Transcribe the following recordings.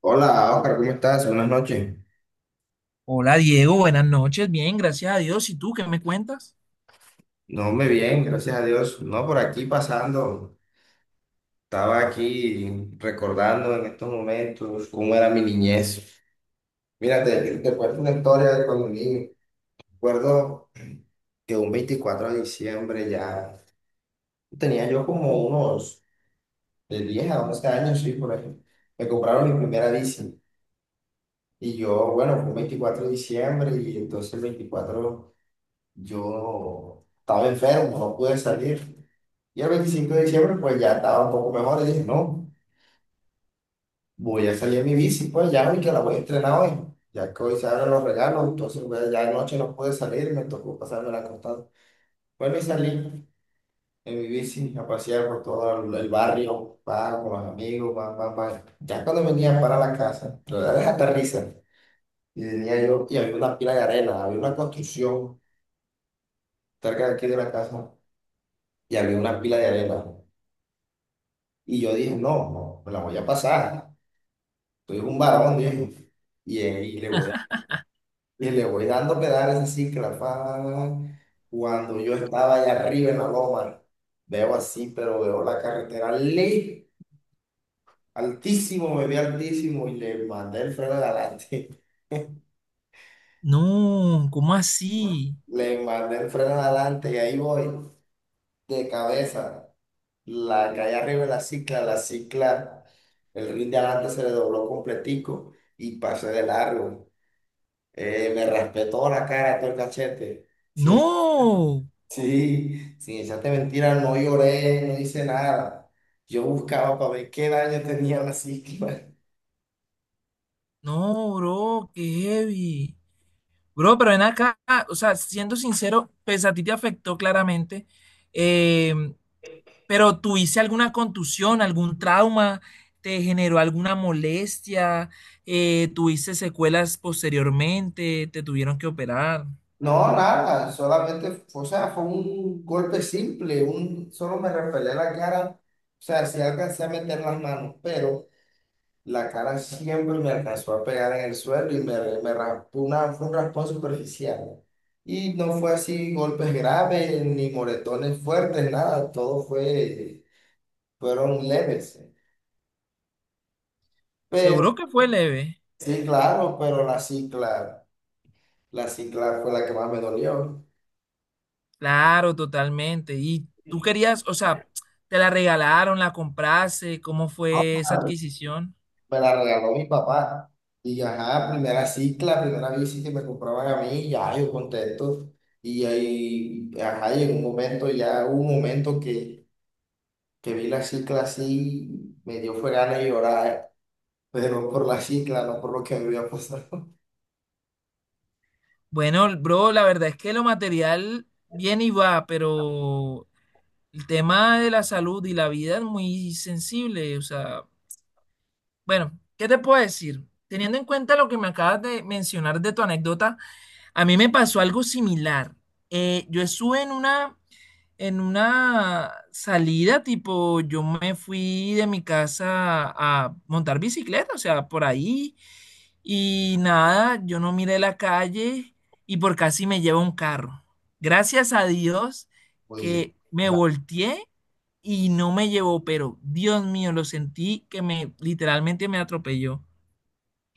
Hola, Oscar, ¿cómo estás? Buenas noches. Hola Diego, buenas noches. Bien, gracias a Dios. ¿Y tú qué me cuentas? No, me bien, gracias a Dios. No, por aquí pasando. Estaba aquí recordando en estos momentos cómo era mi niñez. Mira, te cuento una historia de cuando niño. Recuerdo que un 24 de diciembre ya tenía yo como unos de 10 a 11 años, sí, por ahí. Me compraron mi primera bici. Y yo, bueno, fue un 24 de diciembre y entonces el 24, yo estaba enfermo, no pude salir. Y el 25 de diciembre, pues ya estaba un poco mejor. Y dije, no, voy a salir en mi bici, pues ya, y que la voy a entrenar hoy. Ya que hoy se abren los regalos, entonces pues, ya anoche no pude salir y me tocó pasarme la acostado. Bueno, y salí en mi bici a pasear por todo el barrio, pa, con los amigos, pa, pa, pa. Ya cuando venía para la casa, la verdad es hasta risa. Y venía yo, y había una pila de arena, había una construcción cerca de aquí de la casa, y había una pila de arena. Y yo dije, no, no, me la voy a pasar. Soy un varón, dije. Y ahí le voy, y le voy dando pedales así, cuando yo estaba allá arriba en la loma, veo así, pero veo la carretera ley, altísimo, me vi altísimo y le mandé el freno de adelante. No, ¿cómo así? Le mandé el freno de adelante y ahí voy, de cabeza. La calle arriba de la cicla, el rin de adelante se le dobló completico y pasé de largo. Me raspé toda la cara, todo el cachete. Sin, No, sí, sin echarte mentira, no lloré, no hice nada. Yo buscaba para ver qué daño tenía la psiquis. no, bro, qué heavy. Bro, pero ven acá, o sea, siendo sincero, pues a ti te afectó claramente, eh, pero ¿tuviste alguna contusión, algún trauma? ¿Te generó alguna molestia? ¿Tuviste secuelas posteriormente? ¿Te tuvieron que operar? No, nada, solamente, o sea, fue un golpe simple, solo me repelé la cara, o sea, sí alcancé a meter las manos, pero la cara siempre me alcanzó a pegar en el suelo y me raspó fue un raspón superficial. Y no fue así golpes graves, ni moretones fuertes, nada, fueron leves. Pero Seguro que fue leve. sí, claro, pero la cicla fue la que más me dolió. Claro, totalmente. ¿Y tú querías, o sea, te la regalaron, la compraste? ¿Cómo fue esa Ajá, adquisición? me la regaló mi papá. Y ajá, primera cicla, primera bici que me compraban a mí, ya yo contento. Y ahí, ajá, y en un momento, ya hubo un momento que vi la cicla así, me dio fue ganas de llorar, pero por la cicla, no por lo que me había pasado. Bueno, bro, la verdad es que lo material viene y va, pero el tema de la salud y la vida es muy sensible. O sea, bueno, ¿qué te puedo decir? Teniendo en cuenta lo que me acabas de mencionar de tu anécdota, a mí me pasó algo similar. Yo estuve en una salida, tipo, yo me fui de mi casa a montar bicicleta, o sea, por ahí, y nada, yo no miré la calle y por casi me lleva un carro. Gracias a Dios Oye, que me era- volteé y no me llevó, pero Dios mío, lo sentí que me literalmente me atropelló.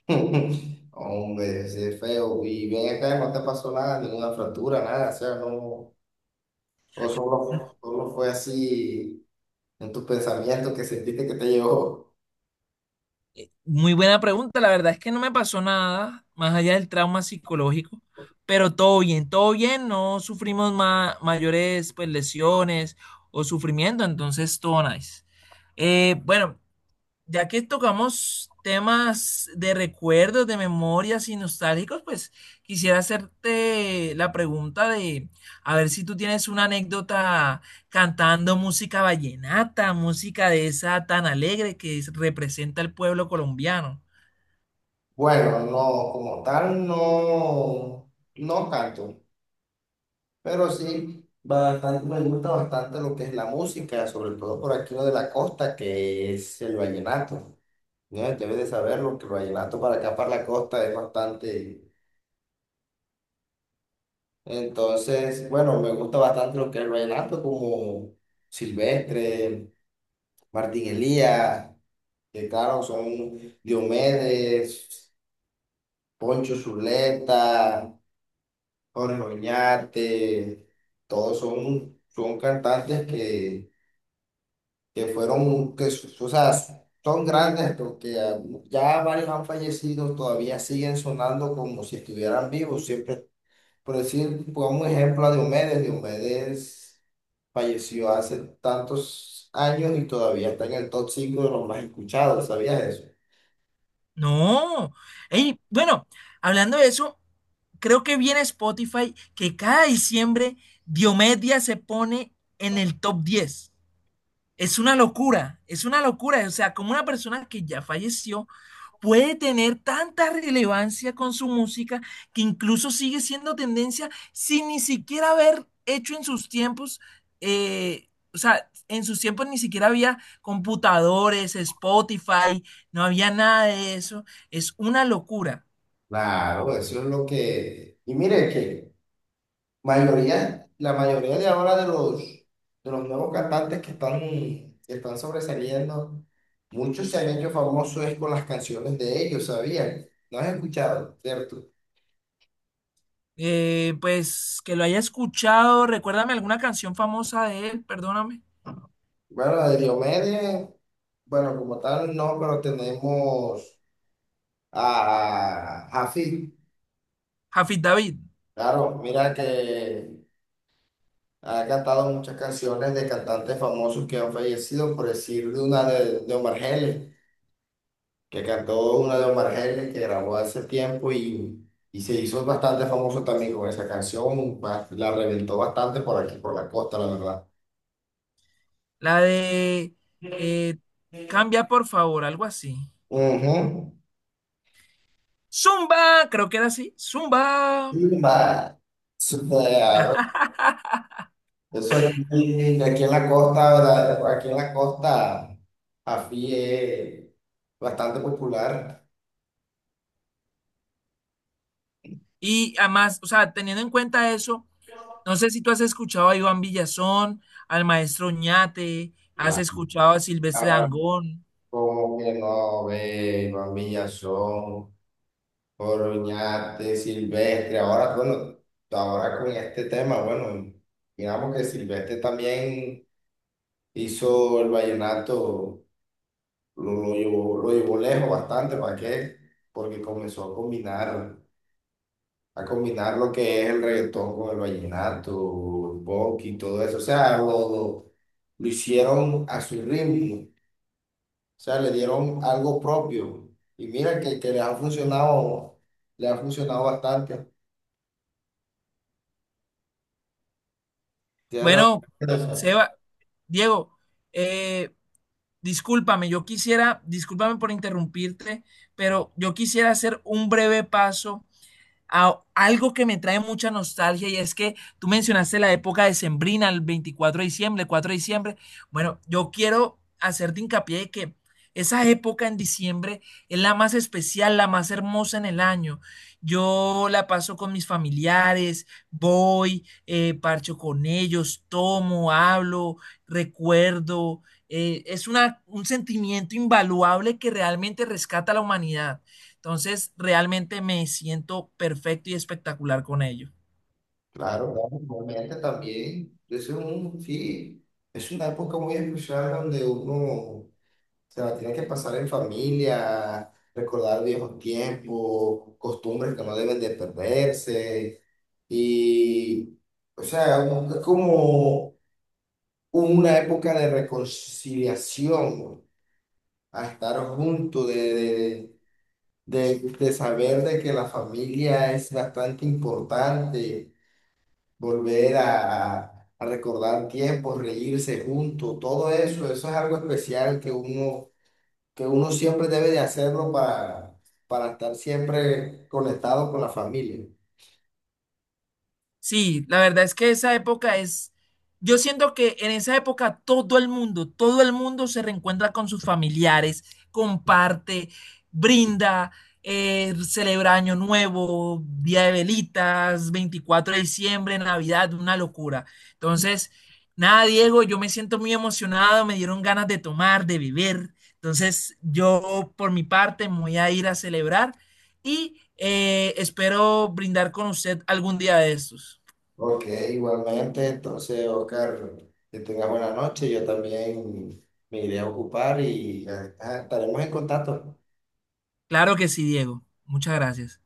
hombre, ese es feo. Y bien acá no te pasó nada, ninguna fractura, nada, o sea, no, o solo fue así en tus pensamientos que sentiste que te llegó. Muy buena pregunta, la verdad es que no me pasó nada más allá del trauma psicológico, pero todo bien, no sufrimos mayores pues, lesiones o sufrimiento, entonces todo nice. Bueno, ya que tocamos temas de recuerdos, de memorias y nostálgicos, pues quisiera hacerte la pregunta de a ver si tú tienes una anécdota cantando música vallenata, música de esa tan alegre que representa el pueblo colombiano. Bueno, no, como tal, no, no tanto, pero sí. Bastante, me gusta bastante lo que es la música, sobre todo por aquí lo de la costa, que es el vallenato. Ya, debe de saberlo, que el vallenato para acá, para la costa, es bastante. Entonces, bueno, me gusta bastante lo que es el vallenato, como Silvestre, Martín Elías, que claro, son Diomedes, Poncho Zuleta, Jorge Oñate, todos son cantantes que fueron, o sea, son grandes porque ya varios han fallecido, todavía siguen sonando como si estuvieran vivos, siempre. Por decir, pongamos un ejemplo a Diomedes. Diomedes falleció hace tantos años y todavía está en el top 5 de los más escuchados, ¿sabías eso? No. Ey, bueno, hablando de eso, creo que viene Spotify que cada diciembre Diomedia se pone en el top 10. Es una locura, es una locura. O sea, como una persona que ya falleció puede tener tanta relevancia con su música que incluso sigue siendo tendencia sin ni siquiera haber hecho en sus tiempos, o sea, en sus tiempos ni siquiera había computadores, Spotify, no había nada de eso. Es una locura. Claro, eso es lo que... Y mire que la mayoría de ahora de de los nuevos cantantes que están, sobresaliendo, muchos se han hecho famosos es con las canciones de ellos, ¿sabías? ¿No has escuchado, cierto? Pues que lo haya escuchado, recuérdame alguna canción famosa de él, perdóname. Bueno, la de Diomedes, bueno, como tal no, pero tenemos... a Jafi. Jafid David. Claro, mira que ha cantado muchas canciones de cantantes famosos que han fallecido, por decir de una de Omar Geles, que cantó una de Omar Geles que grabó hace tiempo y se hizo bastante famoso también con esa canción, la reventó bastante por aquí, por la costa, la verdad. La de eh, Cambia por favor, algo así. Ujú. Zumba, creo que era así. Zumba. Zumba. Zumba. Yo soy aquí, aquí en la costa, ¿verdad? Aquí en la costa, AFI es bastante popular. Y además, o sea, teniendo en cuenta eso, no sé si tú has escuchado a Iván Villazón, al maestro Oñate, has escuchado a Silvestre La- Dangond. Como que no ve, Juan Villazón, Oroñate, Silvestre. Ahora, bueno, ahora con este tema, bueno, digamos que Silvestre también hizo el vallenato, lo lo llevó lejos bastante, ¿para qué? Porque comenzó a combinar lo que es el reggaetón con el vallenato, el bonk y todo eso. O sea, lo hicieron a su ritmo. O sea, le dieron algo propio. Y mira que les ha funcionado, le ha funcionado bastante. Tienes razón Bueno, en eso. Seba, Diego, eh, discúlpame, yo quisiera, discúlpame por interrumpirte, pero yo quisiera hacer un breve paso a algo que me trae mucha nostalgia y es que tú mencionaste la época decembrina, el 24 de diciembre, el 4 de diciembre. Bueno, yo quiero hacerte hincapié de que esa época en diciembre es la más especial, la más hermosa en el año. Yo la paso con mis familiares, voy, parcho con ellos, tomo, hablo, recuerdo. Es una, un sentimiento invaluable que realmente rescata a la humanidad. Entonces, realmente me siento perfecto y espectacular con ello. Claro, claro, realmente también. Sí, es una época muy especial donde uno se la tiene que pasar en familia, recordar viejos tiempos, costumbres que no deben de perderse. Y, o sea, es como una época de reconciliación, a estar juntos, de saber de que la familia es bastante importante, volver a recordar tiempos, reírse juntos, todo eso, eso es algo especial que uno, siempre debe de hacerlo para estar siempre conectado con la familia. Sí, la verdad es que esa época es, yo siento que en esa época todo el mundo se reencuentra con sus familiares, comparte, brinda, celebra Año Nuevo, Día de Velitas, 24 de diciembre, Navidad, una locura. Entonces, nada, Diego, yo me siento muy emocionado, me dieron ganas de tomar, de beber. Entonces, yo por mi parte me voy a ir a celebrar. Y espero brindar con usted algún día de estos. Ok, igualmente, entonces, Oscar, que tengas buena noche. Yo también me iré a ocupar y estaremos en contacto. Claro que sí, Diego. Muchas gracias.